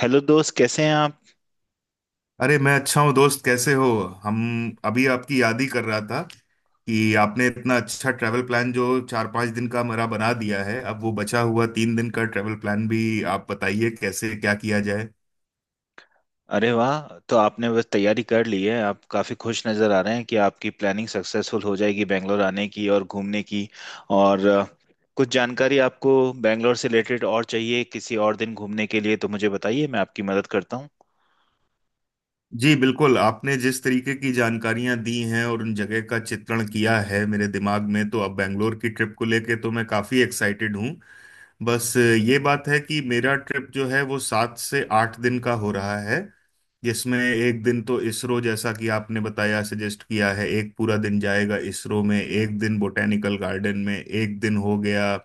Hello दोस्त, कैसे हैं आप? अरे, मैं अच्छा हूँ दोस्त, कैसे हो? हम अभी आपकी याद ही कर रहा था कि आपने इतना अच्छा ट्रैवल प्लान जो 4-5 दिन का मेरा बना दिया है, अब वो बचा हुआ 3 दिन का ट्रैवल प्लान भी आप बताइए कैसे क्या किया जाए। अरे वाह! तो आपने बस तैयारी कर ली है। आप काफ़ी खुश नज़र आ रहे हैं कि आपकी प्लानिंग सक्सेसफुल हो जाएगी, बैंगलोर आने की और घूमने की। और कुछ जानकारी आपको बैंगलोर से रिलेटेड और चाहिए किसी और दिन घूमने के लिए, तो मुझे बताइए, मैं आपकी मदद करता हूँ। जी बिल्कुल, आपने जिस तरीके की जानकारियां दी हैं और उन जगह का चित्रण किया है मेरे दिमाग में, तो अब बेंगलोर की ट्रिप को लेके तो मैं काफी एक्साइटेड हूँ। बस ये बात है कि मेरा ट्रिप जो है वो 7 से 8 दिन का हो रहा है। जिसमें एक दिन तो इसरो, जैसा कि आपने बताया सजेस्ट किया है, एक पूरा दिन जाएगा इसरो में। एक दिन बोटेनिकल गार्डन में। एक दिन हो गया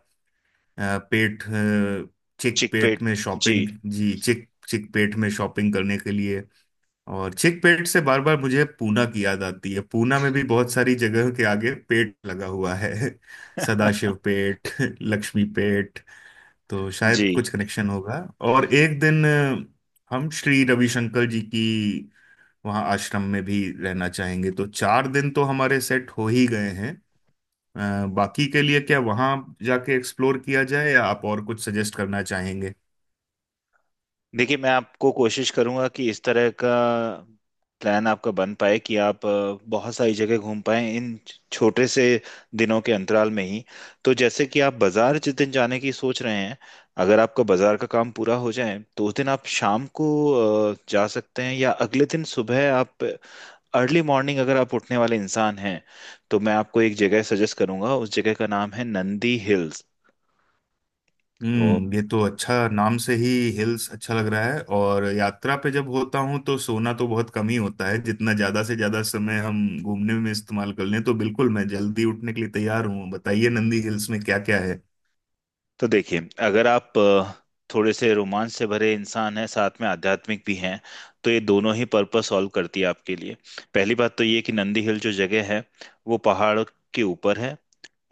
अ, पेट अ, चिक पेट में चिकपेट। जी। शॉपिंग। जी, चिक चिक पेट में शॉपिंग करने के लिए। और चिक पेट से बार बार मुझे पूना की याद आती है। पूना में भी बहुत सारी जगह के आगे पेट लगा हुआ है सदाशिव पेट लक्ष्मी पेट। तो शायद जी, कुछ कनेक्शन होगा। और एक दिन हम श्री रविशंकर जी की वहाँ आश्रम में भी रहना चाहेंगे। तो 4 दिन तो हमारे सेट हो ही गए हैं। बाकी के लिए क्या वहाँ जाके एक्सप्लोर किया जाए या आप और कुछ सजेस्ट करना चाहेंगे? देखिए, मैं आपको कोशिश करूंगा कि इस तरह का प्लान आपका बन पाए कि आप बहुत सारी जगह घूम पाए इन छोटे से दिनों के अंतराल में ही। तो जैसे कि आप बाजार जिस दिन जाने की सोच रहे हैं, अगर आपका बाजार का काम पूरा हो जाए तो उस दिन आप शाम को जा सकते हैं, या अगले दिन सुबह आप अर्ली मॉर्निंग, अगर आप उठने वाले इंसान हैं, तो मैं आपको एक जगह सजेस्ट करूंगा। उस जगह का नाम है नंदी हिल्स। तो ये तो अच्छा नाम से ही हिल्स अच्छा लग रहा है। और यात्रा पे जब होता हूँ तो सोना तो बहुत कम ही होता है। जितना ज़्यादा से ज़्यादा समय हम घूमने में इस्तेमाल कर लें, तो बिल्कुल मैं जल्दी उठने के लिए तैयार हूँ। बताइए, नंदी हिल्स में क्या क्या है? तो देखिए, अगर आप थोड़े से रोमांच से भरे इंसान हैं, साथ में आध्यात्मिक भी हैं, तो ये दोनों ही पर्पस सॉल्व करती है आपके लिए। पहली बात तो ये कि नंदी हिल जो जगह है वो पहाड़ के ऊपर है।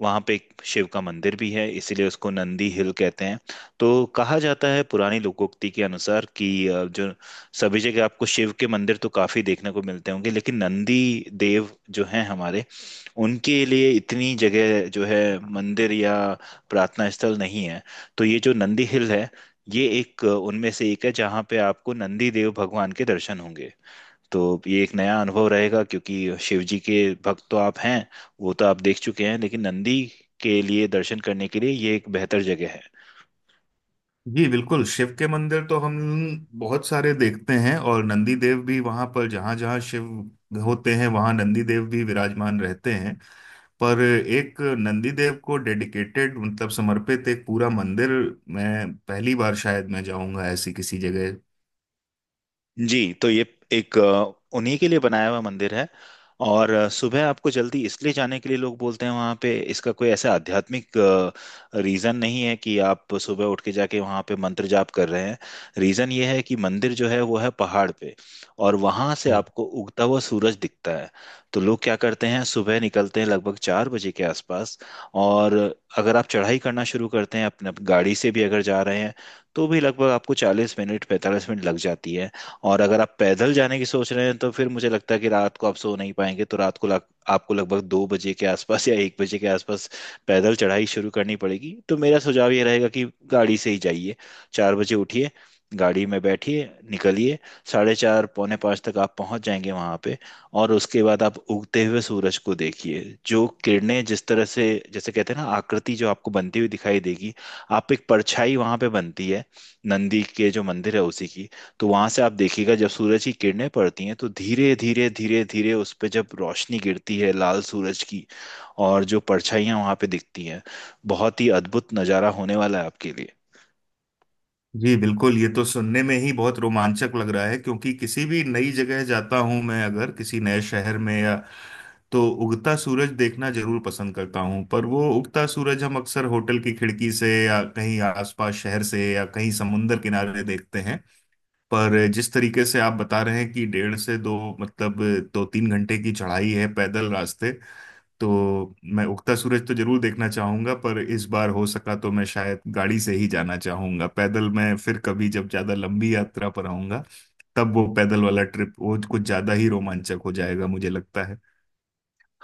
वहाँ पे एक शिव का मंदिर भी है, इसीलिए उसको नंदी हिल कहते हैं। तो कहा जाता है पुरानी लोकोक्ति के अनुसार कि जो सभी जगह आपको शिव के मंदिर तो काफी देखने को मिलते होंगे, लेकिन नंदी देव जो हैं हमारे, उनके लिए इतनी जगह जो है मंदिर या प्रार्थना स्थल नहीं है। तो ये जो नंदी हिल है, ये एक उनमें से एक है जहाँ पे आपको नंदी देव भगवान के दर्शन होंगे। तो ये एक नया अनुभव रहेगा, क्योंकि शिव जी के भक्त तो आप हैं, वो तो आप देख चुके हैं, लेकिन नंदी के लिए दर्शन करने के लिए ये एक बेहतर जगह है। जी बिल्कुल, शिव के मंदिर तो हम बहुत सारे देखते हैं, और नंदी देव भी वहां पर जहां जहां शिव होते हैं वहां नंदी देव भी विराजमान रहते हैं। पर एक नंदी देव को डेडिकेटेड मतलब समर्पित एक पूरा मंदिर, मैं पहली बार शायद मैं जाऊंगा ऐसी किसी जगह। जी, तो ये एक उन्हीं के लिए बनाया हुआ मंदिर है। और सुबह आपको जल्दी इसलिए जाने के लिए लोग बोलते हैं, वहाँ पे इसका कोई ऐसा आध्यात्मिक रीज़न नहीं है कि आप सुबह उठ के जाके वहाँ पे मंत्र जाप कर रहे हैं। रीज़न ये है कि मंदिर जो है वो है पहाड़ पे, और वहाँ से आपको उगता हुआ सूरज दिखता है। तो लोग क्या करते हैं, सुबह निकलते हैं लगभग 4 बजे के आसपास। और अगर आप चढ़ाई करना शुरू करते हैं, अपने गाड़ी से भी अगर जा रहे हैं, तो भी लगभग आपको 40 मिनट 45 मिनट लग जाती है। और अगर आप पैदल जाने की सोच रहे हैं, तो फिर मुझे लगता है कि रात को आप सो नहीं पाएंगे। तो रात को आपको लगभग 2 बजे के आसपास या 1 बजे के आसपास पैदल चढ़ाई शुरू करनी पड़ेगी। तो मेरा सुझाव ये रहेगा कि गाड़ी से ही जाइए, 4 बजे उठिए, गाड़ी में बैठिए, निकलिए। 4:30 4:45 तक आप पहुंच जाएंगे वहां पे। और उसके बाद आप उगते हुए सूरज को देखिए। जो किरणें जिस तरह से, जैसे कहते हैं ना, आकृति जो आपको बनती हुई दिखाई देगी, आप एक परछाई वहां पे बनती है नंदी के जो मंदिर है उसी की। तो वहां से आप देखिएगा, जब सूरज की किरणें पड़ती हैं तो धीरे धीरे धीरे धीरे उस पे जब रोशनी गिरती है लाल सूरज की, और जो परछाइयां वहां पे दिखती हैं, बहुत ही अद्भुत नजारा होने वाला है आपके लिए। जी बिल्कुल, ये तो सुनने में ही बहुत रोमांचक लग रहा है। क्योंकि किसी भी नई जगह जाता हूं मैं, अगर किसी नए शहर में, या तो उगता सूरज देखना जरूर पसंद करता हूं। पर वो उगता सूरज हम अक्सर होटल की खिड़की से या कहीं आसपास शहर से या कहीं समुंदर किनारे देखते हैं। पर जिस तरीके से आप बता रहे हैं कि डेढ़ से दो मतलब 2-3 घंटे की चढ़ाई है पैदल रास्ते, तो मैं उगता सूरज तो जरूर देखना चाहूंगा। पर इस बार हो सका तो मैं शायद गाड़ी से ही जाना चाहूंगा। पैदल मैं फिर कभी जब ज्यादा लंबी यात्रा पर आऊंगा, तब वो पैदल वाला ट्रिप वो कुछ ज्यादा ही रोमांचक हो जाएगा मुझे लगता है।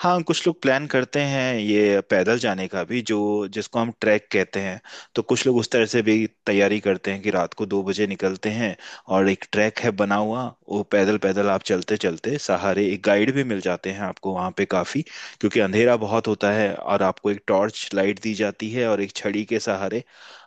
हाँ, कुछ लोग प्लान करते हैं ये पैदल जाने का भी, जो जिसको हम ट्रैक कहते हैं। तो कुछ लोग उस तरह से भी तैयारी करते हैं कि रात को 2 बजे निकलते हैं, और एक ट्रैक है बना हुआ, वो पैदल पैदल आप चलते चलते सहारे एक गाइड भी मिल जाते हैं आपको वहाँ पे काफ़ी, क्योंकि अंधेरा बहुत होता है, और आपको एक टॉर्च लाइट दी जाती है, और एक छड़ी के सहारे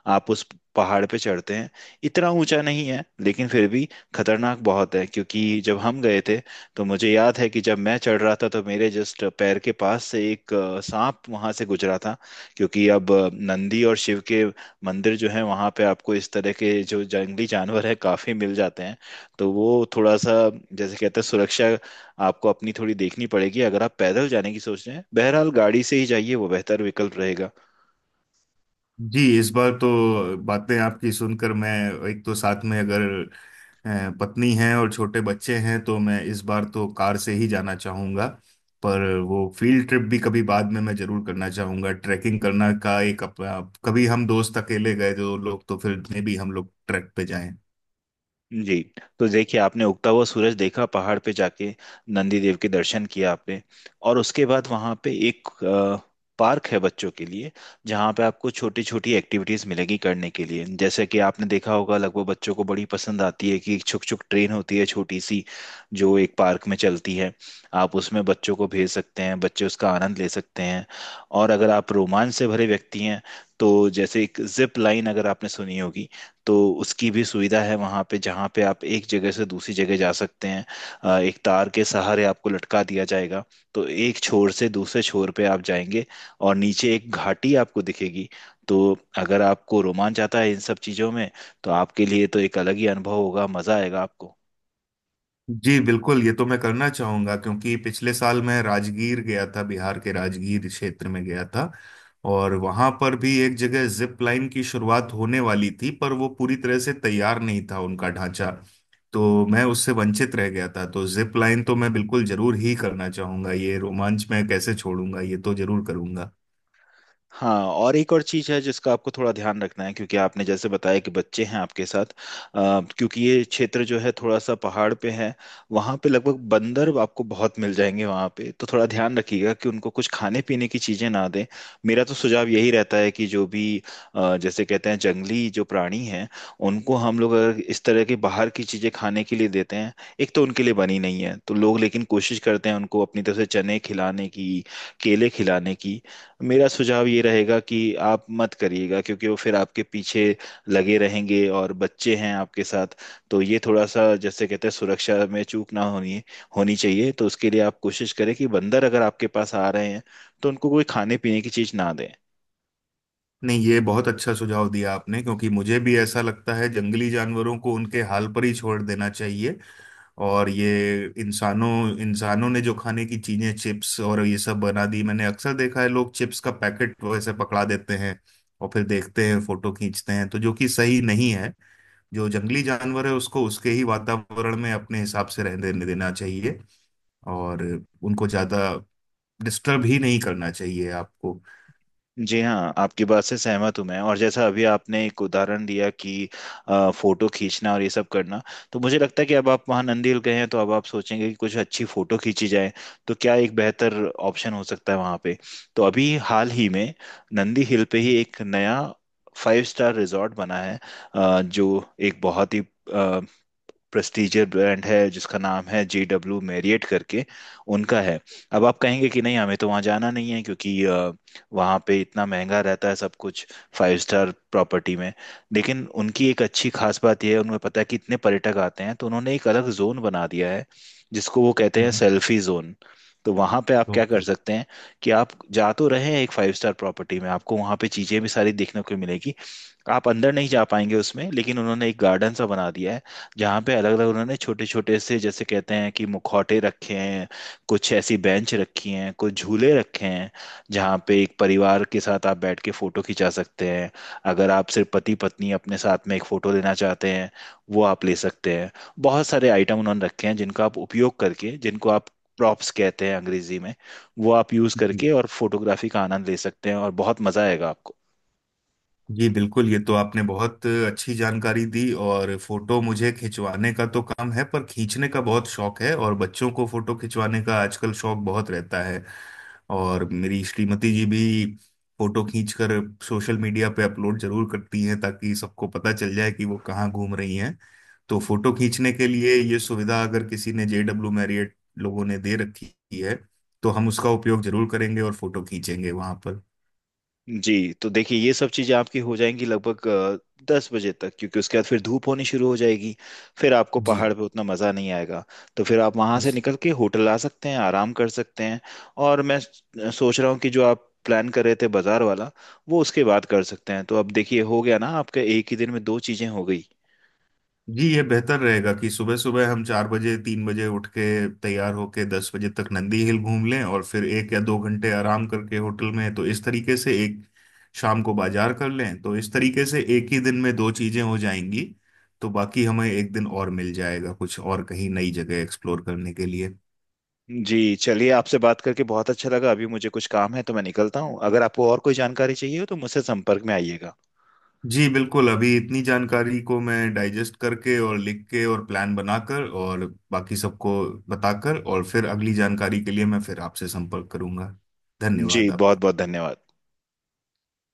आप उस पहाड़ पे चढ़ते हैं। इतना ऊंचा नहीं है, लेकिन फिर भी खतरनाक बहुत है, क्योंकि जब हम गए थे, तो मुझे याद है कि जब मैं चढ़ रहा था तो मेरे जस्ट पैर के पास से एक सांप वहां से गुजरा था। क्योंकि अब नंदी और शिव के मंदिर जो है वहां पे आपको इस तरह के जो जंगली जानवर है काफी मिल जाते हैं। तो वो थोड़ा सा, जैसे कहते हैं, सुरक्षा आपको अपनी थोड़ी देखनी पड़ेगी अगर आप पैदल जाने की सोच रहे हैं। बहरहाल, गाड़ी से ही जाइए, वो बेहतर विकल्प रहेगा। जी इस बार तो बातें आपकी सुनकर मैं, एक तो साथ में अगर पत्नी है और छोटे बच्चे हैं, तो मैं इस बार तो कार से ही जाना चाहूँगा। पर वो फील्ड ट्रिप भी कभी बाद में मैं जरूर करना चाहूँगा। ट्रैकिंग करना का एक अपना, कभी हम दोस्त अकेले गए जो लोग तो फिर में भी हम लोग ट्रैक पे जाएं। जी, तो देखिए, आपने उगता हुआ सूरज देखा पहाड़ पे जाके, नंदी देव के दर्शन किया आपने। और उसके बाद वहाँ पे एक पार्क है बच्चों के लिए, जहाँ पे आपको छोटी छोटी एक्टिविटीज मिलेगी करने के लिए। जैसे कि आपने देखा होगा, लगभग बच्चों को बड़ी पसंद आती है कि एक छुक छुक ट्रेन होती है छोटी सी, जो एक पार्क में चलती है। आप उसमें बच्चों को भेज सकते हैं, बच्चे उसका आनंद ले सकते हैं। और अगर आप रोमांच से भरे व्यक्ति हैं, तो जैसे एक जिप लाइन अगर आपने सुनी होगी, तो उसकी भी सुविधा है वहाँ पे, जहाँ पे आप एक जगह से दूसरी जगह जा सकते हैं। एक तार के सहारे आपको लटका दिया जाएगा, तो एक छोर से दूसरे छोर पे आप जाएंगे, और नीचे एक घाटी आपको दिखेगी। तो अगर आपको रोमांच आता है इन सब चीज़ों में, तो आपके लिए तो एक अलग ही अनुभव होगा, मज़ा आएगा आपको। जी बिल्कुल, ये तो मैं करना चाहूंगा। क्योंकि पिछले साल मैं राजगीर गया था, बिहार के राजगीर क्षेत्र में गया था। और वहां पर भी एक जगह जिप लाइन की शुरुआत होने वाली थी, पर वो पूरी तरह से तैयार नहीं था उनका ढांचा। तो मैं उससे वंचित रह गया था। तो जिप लाइन तो मैं बिल्कुल जरूर ही करना चाहूंगा। ये रोमांच मैं कैसे छोड़ूंगा? ये तो जरूर करूंगा। हाँ, और एक और चीज़ है जिसका आपको थोड़ा ध्यान रखना है, क्योंकि आपने जैसे बताया कि बच्चे हैं आपके साथ। क्योंकि ये क्षेत्र जो है थोड़ा सा पहाड़ पे है, वहाँ पे लगभग बंदर आपको बहुत मिल जाएंगे वहाँ पे, तो थोड़ा ध्यान रखिएगा कि उनको कुछ खाने पीने की चीज़ें ना दें। मेरा तो सुझाव यही रहता है कि जो भी जैसे कहते हैं, जंगली जो प्राणी हैं, उनको हम लोग अगर इस तरह के बाहर की चीज़ें खाने के लिए देते हैं, एक तो उनके लिए बनी नहीं है। तो लोग लेकिन कोशिश करते हैं उनको अपनी तरफ से चने खिलाने की, केले खिलाने की। मेरा सुझाव ये रहेगा कि आप मत करिएगा, क्योंकि वो फिर आपके पीछे लगे रहेंगे, और बच्चे हैं आपके साथ। तो ये थोड़ा सा, जैसे कहते हैं, सुरक्षा में चूक ना होनी होनी चाहिए। तो उसके लिए आप कोशिश करें कि बंदर अगर आपके पास आ रहे हैं तो उनको कोई खाने पीने की चीज़ ना दें। नहीं, ये बहुत अच्छा सुझाव दिया आपने। क्योंकि मुझे भी ऐसा लगता है जंगली जानवरों को उनके हाल पर ही छोड़ देना चाहिए। और ये इंसानों इंसानों ने जो खाने की चीजें चिप्स और ये सब बना दी, मैंने अक्सर देखा है लोग चिप्स का पैकेट वैसे पकड़ा देते हैं और फिर देखते हैं, फोटो खींचते हैं, तो जो कि सही नहीं है। जो जंगली जानवर है उसको उसके ही वातावरण में अपने हिसाब से रहने देने देना चाहिए। और उनको ज्यादा डिस्टर्ब ही नहीं करना चाहिए आपको। जी हाँ, आपकी बात से सहमत हूँ मैं। और जैसा अभी आपने एक उदाहरण दिया कि फोटो खींचना और ये सब करना, तो मुझे लगता है कि अब आप वहाँ नंदील गए हैं तो अब आप सोचेंगे कि कुछ अच्छी फोटो खींची जाए, तो क्या एक बेहतर ऑप्शन हो सकता है वहाँ पे। तो अभी हाल ही में नंदी हिल पे ही एक नया फाइव स्टार रिजॉर्ट बना है, जो एक बहुत ही प्रेस्टीजियर ब्रांड है, जिसका नाम है जे डब्ल्यू मैरियट करके, उनका है। अब आप कहेंगे कि नहीं, हमें तो वहाँ जाना नहीं है, क्योंकि वहाँ पे इतना महंगा रहता है सब कुछ, फाइव स्टार प्रॉपर्टी में। लेकिन उनकी एक अच्छी खास बात यह है, उन्हें पता है कि इतने पर्यटक आते हैं, तो उन्होंने एक अलग जोन बना दिया है, जिसको वो कहते हैं हम्म। Selfie zone. तो वहाँ पे आप क्या कर सकते हैं कि आप जा तो रहे हैं एक फाइव स्टार प्रॉपर्टी में, आपको वहाँ पे चीज़ें भी सारी देखने को मिलेगी। आप अंदर नहीं जा पाएंगे उसमें, लेकिन उन्होंने एक गार्डन सा बना दिया है, जहाँ पे अलग अलग उन्होंने छोटे छोटे से, जैसे कहते हैं कि, मुखौटे रखे हैं, कुछ ऐसी बेंच रखी हैं, कुछ झूले रखे हैं, जहाँ पे एक परिवार के साथ आप बैठ के फोटो खिंचा सकते हैं। अगर आप सिर्फ पति पत्नी अपने साथ में एक फोटो लेना चाहते हैं, वो आप ले सकते हैं। बहुत सारे आइटम उन्होंने रखे हैं जिनका आप उपयोग करके, जिनको आप प्रॉप्स कहते हैं अंग्रेजी में, वो आप यूज ओके। करके और फोटोग्राफी का आनंद ले सकते हैं, और बहुत मजा आएगा आपको। जी बिल्कुल, ये तो आपने बहुत अच्छी जानकारी दी। और फोटो मुझे खिंचवाने का तो कम है, पर खींचने का बहुत शौक है। और बच्चों को फोटो खिंचवाने का आजकल शौक बहुत रहता है। और मेरी श्रीमती जी भी फोटो खींचकर सोशल मीडिया पे अपलोड जरूर करती हैं, ताकि सबको पता चल जाए कि वो कहाँ घूम रही हैं। तो फोटो खींचने के लिए ये सुविधा अगर किसी ने जेडब्ल्यू मैरियट लोगों ने दे रखी है, तो हम उसका उपयोग जरूर करेंगे और फोटो खींचेंगे वहां पर। जी, तो देखिए, ये सब चीज़ें आपकी हो जाएंगी लगभग 10 बजे तक, क्योंकि उसके बाद फिर धूप होनी शुरू हो जाएगी, फिर आपको जी। पहाड़ पे उतना मज़ा नहीं आएगा। तो फिर आप वहाँ से निकल के होटल आ सकते हैं, आराम कर सकते हैं। और मैं सोच रहा हूँ कि जो आप प्लान कर रहे थे बाज़ार वाला, वो उसके बाद कर सकते हैं। तो अब देखिए, हो गया ना आपका एक ही दिन में दो चीज़ें हो गई। जी, ये बेहतर रहेगा कि सुबह सुबह हम 4 बजे 3 बजे उठ के तैयार होके 10 बजे तक नंदी हिल घूम लें। और फिर 1 या 2 घंटे आराम करके होटल में, तो इस तरीके से एक शाम को बाजार कर लें, तो इस तरीके से एक ही दिन में दो चीजें हो जाएंगी। तो बाकी हमें एक दिन और मिल जाएगा कुछ और कहीं नई जगह एक्सप्लोर करने के लिए। जी, चलिए, आपसे बात करके बहुत अच्छा लगा। अभी मुझे कुछ काम है, तो मैं निकलता हूँ। अगर आपको और कोई जानकारी चाहिए हो तो मुझसे संपर्क में आइएगा। जी बिल्कुल, अभी इतनी जानकारी को मैं डाइजेस्ट करके और लिख के और प्लान बनाकर और बाकी सबको बताकर और फिर अगली जानकारी के लिए मैं फिर आपसे संपर्क करूंगा। जी, धन्यवाद बहुत आपका। बहुत धन्यवाद।